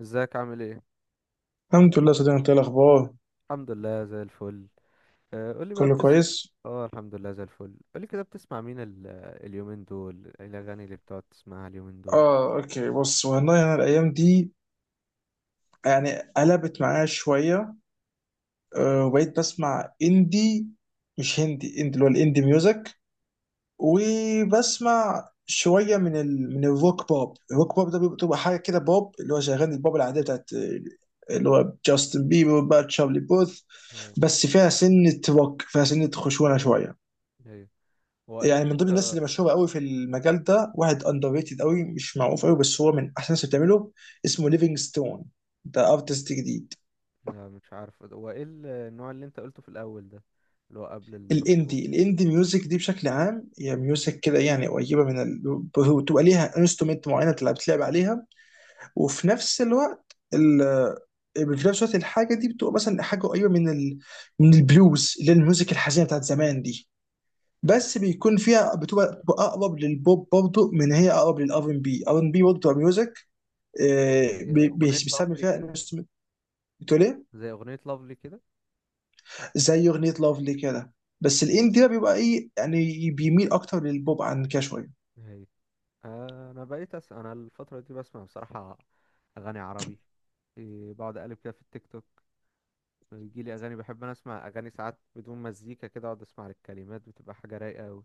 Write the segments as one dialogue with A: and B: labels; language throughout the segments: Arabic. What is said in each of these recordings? A: ازيك عامل ايه؟
B: الحمد لله صديقي، انت ايه الاخبار؟
A: الحمد لله زي الفل. قولي بقى
B: كله
A: بتس.
B: كويس.
A: اه الحمد لله زي الفل. قولي كده، بتسمع مين اليومين دول ايه الاغاني اللي بتقعد تسمعها اليومين دول؟
B: اه، اوكي، بص والله انا الايام دي يعني قلبت معايا شويه. وبقيت بسمع اندي، مش هندي، اندي اللي هو الاندي ميوزك. وبسمع شويه من الروك بوب. الروك بوب ده بتبقى حاجه كده، بوب اللي هو شغال، البوب العاديه بتاعت اللي هو جاستن بيبر بقى، تشارلي بوث.
A: اه،
B: بس فيها سنه روك، فيها سنه خشونه شويه.
A: ايوه. هو ايه
B: يعني
A: اللي
B: من ضمن
A: انت؟
B: الناس اللي مشهوره قوي في المجال ده، واحد اندر ريتد قوي، مش معروف قوي، بس هو من احسن الناس اللي بتعمله. اسمه ليفينج ستون، ده ارتست جديد.
A: لا مش عارف هو ايه النوع اللي انت قلته في الاول ده؟ اللي هو قبل الروك بوب
B: الاندي
A: ده؟
B: الاندي ميوزك دي بشكل عام هي ميوزك كده، يعني قريبه بتبقى ليها انسترومنت معينه تلعب عليها. وفي نفس الوقت في نفس الوقت الحاجه دي بتبقى مثلا حاجه قريبه من البلوز اللي هي الميوزك الحزينه بتاعت زمان دي. بس بيكون فيها بتبقى اقرب للبوب برضه، من هي اقرب للار ان بي، ار ان بي برضه بتبقى ميوزك.
A: زي اغنية
B: بيستعمل
A: لافلي
B: فيها
A: كده.
B: انسترومنت. بتقول ايه؟
A: زي اغنية لافلي كده.
B: زي اغنيه لافلي كده. بس
A: آه،
B: الاندي ده بيبقى ايه، يعني بيميل اكتر للبوب عن كده شويه.
A: ايوه. آه، انا بقيت أس... انا الفترة دي بسمع بصراحة اغاني عربي. إيه، بقعد اقلب كده في التيك توك، بيجي لي اغاني. بحب اسمع اغاني ساعات بدون مزيكا، كده اقعد اسمع الكلمات، بتبقى حاجه رايقه قوي.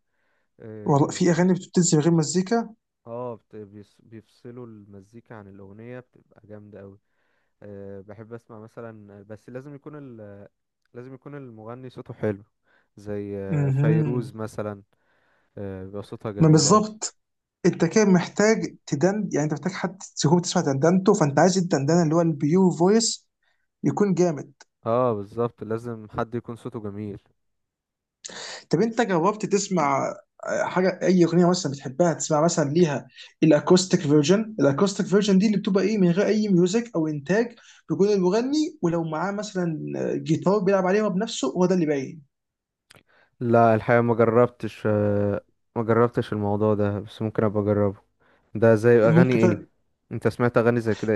B: والله
A: اه،
B: في اغاني بتنزل من غير مزيكا.
A: بيفصلوا المزيكا عن الاغنيه، بتبقى جامده قوي. أه بحب اسمع مثلا، بس لازم يكون لازم يكون المغني صوته حلو، زي
B: امم
A: فيروز مثلا. بيبقى صوتها
B: ما
A: جميل قوي.
B: بالظبط. انت كده محتاج تدند، يعني انت محتاج حد تكون تسمع دندنته، فانت عايز الدندنه اللي هو البيور فويس، يكون جامد.
A: اه بالظبط، لازم حد يكون صوته جميل.
B: طب انت جربت تسمع حاجه، اي اغنيه مثلا بتحبها تسمع مثلا ليها؟ الاكوستيك فيرجن دي اللي بتبقى ايه، من غير اي ميوزك او انتاج. بيكون المغني، ولو معاه مثلا جيتار بيلعب عليها بنفسه، هو ده اللي باين.
A: لا الحقيقه ما جربتش، ما جربتش الموضوع ده، بس ممكن ابقى اجربه. ده زي اغاني
B: ممكن
A: ايه؟
B: فعلا.
A: انت سمعت اغاني زي كده؟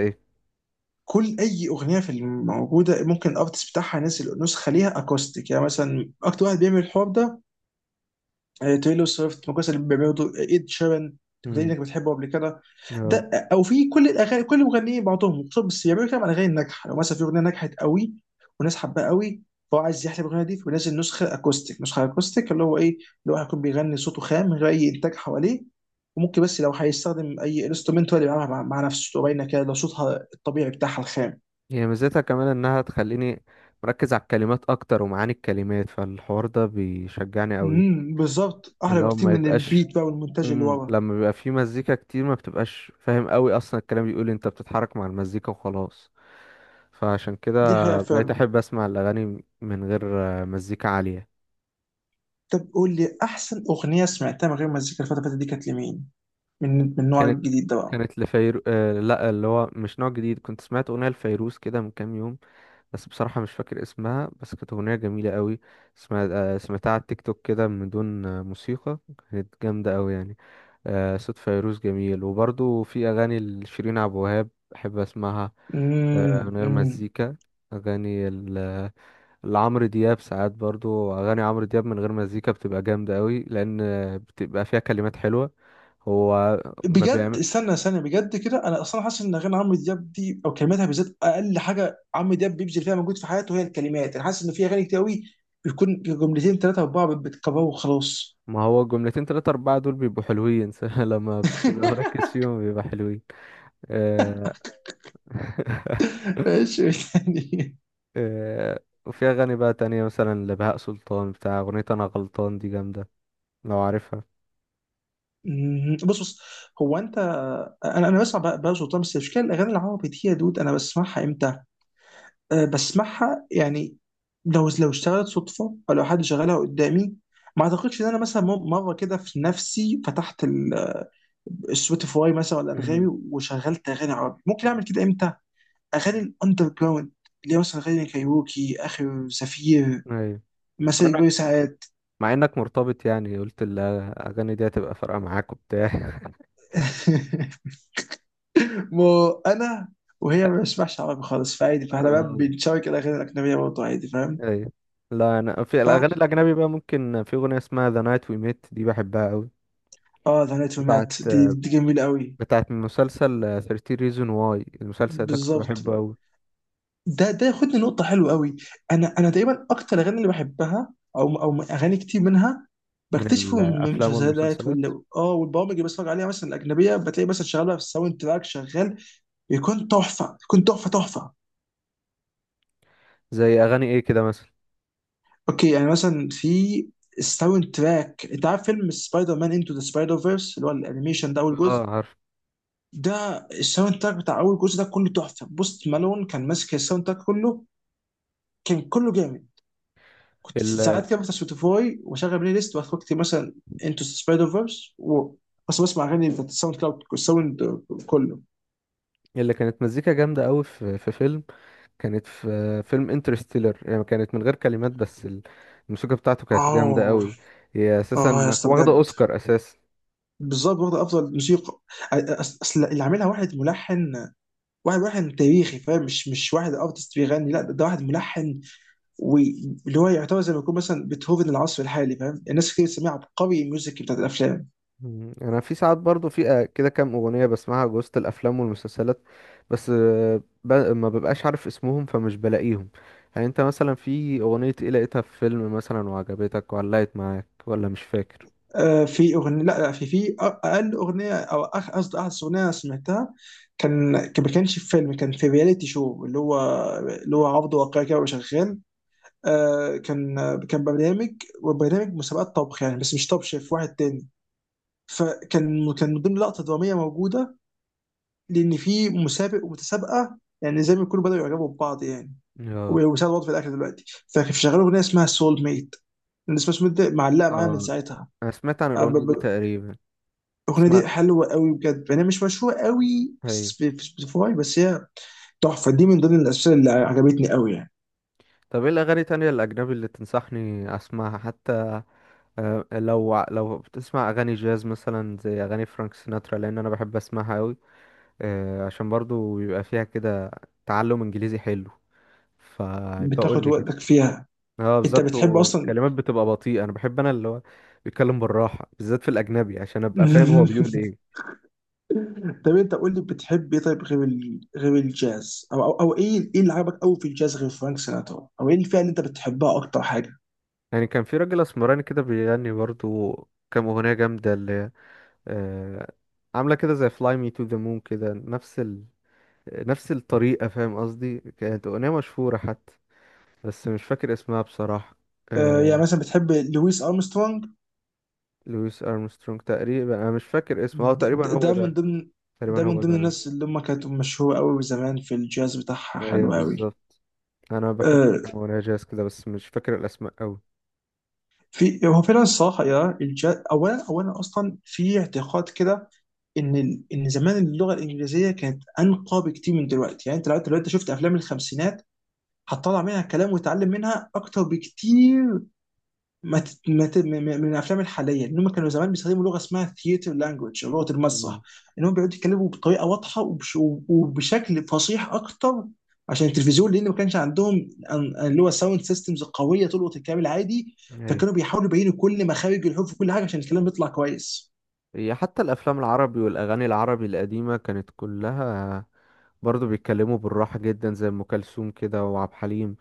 B: كل اي اغنيه في الموجوده ممكن الارتست بتاعها ينزل نسخه ليها اكوستيك. يعني مثلا اكتر واحد بيعمل الحوار ده تايلور سويفت، من القصة اللي بيعملوا، ايد شيران. كنت قايل
A: ايه؟
B: انك بتحبه قبل كده. ده
A: اه.
B: او في كل الاغاني، كل المغنيين بعضهم خصوصا بس يعملوا كده على الاغاني الناجحه. لو مثلا في اغنيه نجحت قوي والناس حباها قوي، فهو عايز يحلب الاغنيه دي فينزل نسخه اكوستيك. نسخه اكوستيك اللي هو ايه؟ اللي هو هيكون بيغني صوته خام، من غير اي انتاج حواليه. وممكن بس لو هيستخدم اي انسترومنت هو اللي بيعملها مع نفسه، تبقى باينه كده، لو صوتها الطبيعي بتاعها الخام.
A: هي ميزتها كمان انها تخليني مركز على الكلمات اكتر ومعاني الكلمات، فالحوار ده بيشجعني قوي.
B: بالظبط،
A: من
B: احلى
A: لو
B: بكتير
A: ما
B: من
A: يبقاش.
B: البيت بقى والمونتاج اللي ورا.
A: لما بيبقى في مزيكا كتير ما بتبقاش فاهم قوي اصلا الكلام بيقول إيه، انت بتتحرك مع المزيكا وخلاص. فعشان كده
B: دي حقيقه
A: بقيت
B: فعلا.
A: احب اسمع الاغاني من غير مزيكا عالية.
B: طب قول لي احسن اغنيه سمعتها من غير مزيكا الفتره اللي فاتت دي كانت لمين؟ من النوع
A: كانت،
B: الجديد ده بقى.
A: كانت لفيرو آه لا اللي هو مش نوع جديد، كنت سمعت اغنية لفيروز كده من كام يوم، بس بصراحة مش فاكر اسمها. بس كانت أغنية جميلة قوي. اسمها سمعتها على التيك توك كده من دون موسيقى. كانت جامدة قوي يعني. صوت فيروز جميل، وبرضو في أغاني لشيرين عبد الوهاب بحب أسمعها،
B: امم
A: من غير
B: امم
A: مزيكا. أغاني ال- لعمرو دياب ساعات، برضو أغاني عمرو دياب من غير مزيكا بتبقى جامدة قوي، لأن بتبقى فيها كلمات حلوة. هو ما
B: بجد،
A: بيعملش.
B: استنى استنى، بجد كده انا اصلا حاسس ان اغاني عمرو دياب دي او كلماتها بالذات اقل حاجه عمرو دياب بيبذل فيها مجهود في حياته هي الكلمات. انا حاسس ان في اغاني كتير قوي بيكون جملتين، ثلاثه، اربعه، بتكبروا وخلاص.
A: ما هو جملتين تلاتة أربعة دول بيبقوا حلوين لما بتبقى مركز فيهم بيبقى حلوين. آه،
B: ماشي، يعني.
A: آه، وفي أغاني بقى تانية مثلا لبهاء سلطان بتاع أغنية أنا غلطان دي جامدة، لو عارفها.
B: مم. بص بص، هو انت انا بسمع بقى سلطان. بس مش كده الاغاني العربي دي يا دود، انا بسمعها امتى؟ أه، بسمعها يعني. لو اشتغلت صدفه، او لو حد شغلها قدامي. ما اعتقدش ان انا مثلا مره كده في نفسي فتحت السبوتيفاي مثلا ولا انغامي
A: مم.
B: وشغلت اغاني عربي. ممكن اعمل كده امتى؟ اغاني الاندر جراوند، اللي هي مثلا اغاني كايروكي، اخر زفير،
A: أيوة. مع
B: مساء
A: إنك،
B: كبير ساعات.
A: مع إنك مرتبط يعني، قلت الأغاني دي هتبقى فارقة معاك وبتاع
B: مو انا. وهي ما بسمعش عربي خالص، فعادي، فاحنا بقى
A: آه،
B: بنشارك الاغاني الاجنبيه برضه، عادي، فاهم.
A: أيوة. لا أنا في الأغاني
B: فعشان كده.
A: الأجنبي بقى، ممكن في أغنية اسمها The Night We Met دي بحبها أوي.
B: اه، ذا نايت
A: بتاعت
B: مات، دي جميله قوي.
A: بتاعت من مسلسل 13 Reason Why، المسلسل ده كنت
B: بالظبط،
A: بحبه أوي.
B: ده ياخدني نقطة حلوة قوي. أنا تقريبا أكتر الأغاني اللي بحبها أو أغاني كتير منها
A: من
B: بكتشفه من
A: الأفلام
B: المسلسلات
A: والمسلسلات.
B: والبرامج اللي بتفرج عليها مثلا الأجنبية، بتلاقي مثلا شغالة في الساوند تراك شغال. بيكون تحفة، بيكون تحفة تحفة.
A: زي أغاني إيه كده مثلا؟
B: أوكي، يعني مثلا في الساوند تراك، أنت عارف فيلم سبايدر مان انتو ذا سبايدر فيرس، اللي هو الأنيميشن ده أول
A: اه
B: جزء.
A: عارف.
B: ده الساوند تراك بتاع أول جزء ده كله تحفة. بوست مالون كان ماسك الساوند تراك كله، كان كله جامد. كنت ساعات كده بفتح سبوتيفاي واشغل بلاي ليست واخد وقتي، مثلا انتو سبايدر فيرس بس بسمع اغاني بتاعت الساوند كلاود، الساوند كله.
A: اللي كانت مزيكا جامدة قوي في، فيلم، كانت في فيلم انترستيلر، يعني كانت من غير كلمات، بس الموسيقى بتاعته كانت جامدة
B: اه،
A: قوي. هي
B: اه، يا
A: اساسا
B: اسطى
A: واخدة
B: بجد.
A: اوسكار اساسا.
B: بالظبط، واخد افضل موسيقى. اصل اللي عاملها واحد ملحن. واحد ملحن تاريخي، فاهم، مش واحد ارتست بيغني، لا ده واحد ملحن. واللي هو يعتبر زي ما يكون مثلا بيتهوفن العصر الحالي، فاهم، الناس كتير بتسميه عبقري الميوزك بتاعت الافلام.
A: مم. انا في ساعات برضو في كده كام اغنية بسمعها وسط الافلام والمسلسلات، بس ما ببقاش عارف اسمهم فمش بلاقيهم. يعني انت مثلا في اغنية ايه لقيتها في فيلم مثلا وعجبتك وعلقت معاك، ولا مش فاكر؟
B: في اغنيه، لا، لا، في اقل اغنيه، او قصدي احدث اغنيه أنا سمعتها. ما كانش في فيلم، كان في رياليتي شو اللي هو اللي هو عرض واقعي كده، وشغال. آه، كان كان برنامج، وبرنامج مسابقات طبخ، يعني بس مش طب شيف، واحد تاني. فكان من ضمن لقطه دراميه موجوده. لان في مسابق ومتسابقه، يعني زي ما يكونوا بداوا يعجبوا ببعض، يعني.
A: اه.
B: وبيساعدوا بعض في الاكل دلوقتي. فكان شغال اغنيه اسمها سول ميت. الناس مش معلقه معايا من
A: اه
B: ساعتها.
A: انا سمعت عن الاغنية دي تقريبا.
B: الاغنيه
A: سمعت.
B: دي حلوه قوي بجد، يعني مش مشهوره قوي، في سبوتيفاي بس هي تحفه، دي من ضمن الاسئله اللي عجبتني قوي يعني.
A: طب ايه الاغاني تانية الاجنبي اللي تنصحني اسمعها حتى؟ لو بتسمع اغاني جاز مثلا زي اغاني فرانك سيناترا، لان انا بحب اسمعها قوي، عشان برضو بيبقى فيها كده تعلم انجليزي حلو، فبقول
B: بتاخد
A: لي كده.
B: وقتك فيها.
A: اه
B: انت
A: بالظبط،
B: بتحب اصلا.
A: وكلمات بتبقى بطيئة. انا بحب اللي هو بيتكلم بالراحة، بالذات في الاجنبي، عشان ابقى فاهم هو بيقول ايه.
B: طب انت قول لي بتحب ايه طيب، غير غير الجاز، أو ايه اللي عجبك قوي في الجاز غير فرانك سيناترا، او ايه الفئه اللي انت بتحبها اكتر حاجه؟
A: يعني كان في راجل اسمراني كده بيغني برضو كام اغنية جامدة اللي آه، عاملة كده زي Fly Me to the Moon كده، نفس الطريقة، فاهم قصدي؟ كانت أغنية مشهورة حتى، بس مش فاكر اسمها بصراحة.
B: يعني
A: آه...
B: مثلا بتحب لويس ارمسترونج.
A: لويس أرمسترونج، تقريبا أنا مش فاكر اسمه، اه
B: د-
A: تقريبا
B: د-
A: هو
B: ده من
A: ده.
B: ضمن ده
A: تقريبا
B: من
A: هو ده
B: ضمن
A: يعني.
B: الناس اللي هم كانت مشهوره قوي زمان، في الجاز بتاعها حلو
A: أيوه
B: قوي.
A: بالظبط. أنا بحب كام
B: آه،
A: أغنية جاز كده، بس مش فاكر الأسماء أوي.
B: في، هو فعلا الصراحه، اولا اصلا في اعتقاد كده ان زمان اللغه الانجليزيه كانت انقى بكتير من دلوقتي، يعني انت لو دلوقتي شفت افلام الخمسينات هتطلع منها كلام وتتعلم منها اكتر بكتير ما تت... ما ت... م- م- من الافلام الحاليه. ان هم كانوا زمان بيستخدموا لغه اسمها ثياتر لانجوج، لغه
A: مم.
B: المسرح. ان هم بيقعدوا يتكلموا بطريقه واضحه، وبشكل فصيح اكتر، عشان التلفزيون، لان ما كانش عندهم اللي هو ساوند سيستمز قويه تلقط الكلام العادي.
A: أيوه.
B: فكانوا بيحاولوا يبينوا كل مخارج الحروف وكل حاجه عشان الكلام يطلع كويس.
A: هي حتى الأفلام العربي والأغاني العربي القديمة كانت كلها برضه بيتكلموا بالراحة جدا، زي أم كلثوم كده وعبد الحليم.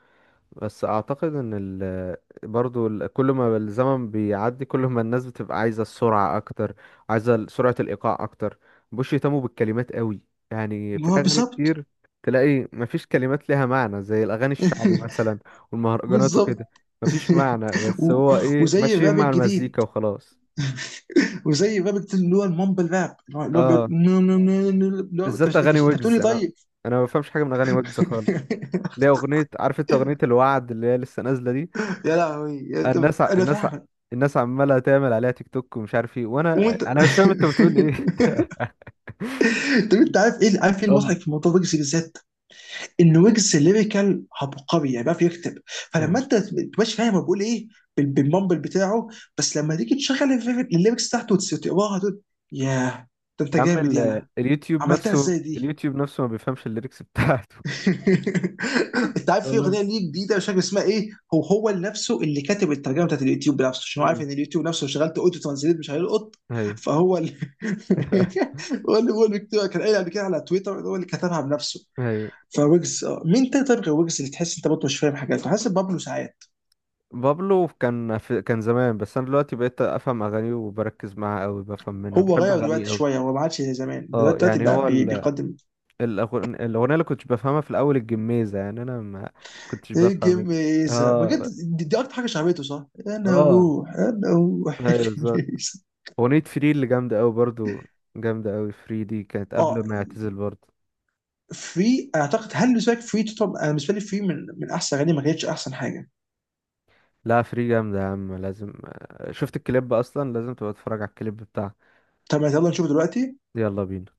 A: بس اعتقد ان ال... برضو كل ما الزمن بيعدي كل ما الناس بتبقى عايزه السرعه اكتر، عايزه سرعه الايقاع اكتر، مبقوش يهتموا بالكلمات قوي. يعني في
B: ما هو
A: اغاني
B: بالظبط.
A: كتير تلاقي مفيش كلمات ليها معنى، زي الاغاني الشعبي مثلا والمهرجانات
B: بالظبط
A: وكده، مفيش معنى، بس
B: و-
A: هو ايه،
B: وزي
A: ماشيين
B: الراب
A: مع المزيكا
B: الجديد
A: وخلاص.
B: وزي الراب الجديد اللي هو المامبل راب، اللي هو
A: اه
B: اللي هو انت
A: بالذات اغاني
B: إنت بتقول
A: ويجز،
B: لي
A: انا
B: طيب.
A: انا ما بفهمش حاجه من اغاني ويجز خالص. ليه؟ اغنيه، عارف انت اغنيه الوعد اللي هي لسه نازله دي؟
B: يا لهوي، طب
A: الناس ع-
B: انا
A: الناس ع-
B: فاهمك.
A: الناس عماله تعمل عليها تيك توك ومش عارف ايه، وانا
B: وانت.
A: انا مش فاهم انت بتقول ايه.
B: طب انت عارف ايه
A: اه.
B: المضحك في موضوع ويجز بالذات؟ ان ويجز ليريكال عبقري، يعني بيعرف يكتب. فلما
A: يعني
B: انت تبقاش فاهم هو بيقول ايه بالمامبل بتاعه، بس لما تيجي تشغل الليركس بتاعته وتقراها تقول: ياه، ده انت
A: يا عم
B: جامد،
A: ال-
B: يلا.
A: اليوتيوب
B: عملتها
A: نفسه،
B: ازاي دي؟
A: اليوتيوب نفسه ما بيفهمش الليركس بتاعته.
B: انت عارف في
A: والله.
B: اغنيه ليه جديده مش فاكر اسمها ايه، هو هو نفسه اللي كاتب الترجمه بتاعت اليوتيوب بنفسه عشان هو عارف
A: امم.
B: ان اليوتيوب نفسه لو شغلت اوتو ترانزليت مش هيلقط.
A: ايوه.
B: فهو اللي هو اللي كتبها، كان قايل قبل كده على تويتر إن هو اللي كتبها بنفسه.
A: ايوه.
B: فويجز آه. مين تاني طيب غير ويجز اللي تحس انت برضه مش فاهم حاجات، حاسس بابلو ساعات.
A: بابلو كان في، كان زمان، بس انا دلوقتي بقيت افهم اغانيه وبركز معاها قوي، بفهم منها،
B: هو
A: بحب
B: غير
A: اغانيه
B: دلوقتي
A: قوي.
B: شويه، هو ما عادش زي زمان،
A: اه،
B: دلوقتي
A: يعني
B: بقى
A: هو
B: بيقدم.
A: الأغن- الاغنيه اللي كنتش بفهمها في الاول الجميزه، يعني انا ما كنتش
B: ايه،
A: بفهم
B: جميزه بجد.
A: اه.
B: دي اكتر حاجه شعبيته، صح؟ انا
A: اه.
B: اروح انا اروح
A: ايوه بالظبط.
B: الجميزه،
A: أغنية فري اللي جامدة أوي برضو، جامدة أوي. فري دي كانت قبل
B: اه،
A: ما يعتزل برضو.
B: فري، اعتقد هل بالنسبه لك فري تطلب؟ انا بالنسبه لي فري من احسن اغاني، ما كانتش احسن حاجه.
A: لا فري جامدة يا عم، لازم شفت الكليب، أصلا لازم تبقى تتفرج على الكليب بتاع.
B: طب يلا نشوف دلوقتي.
A: يلا بينا.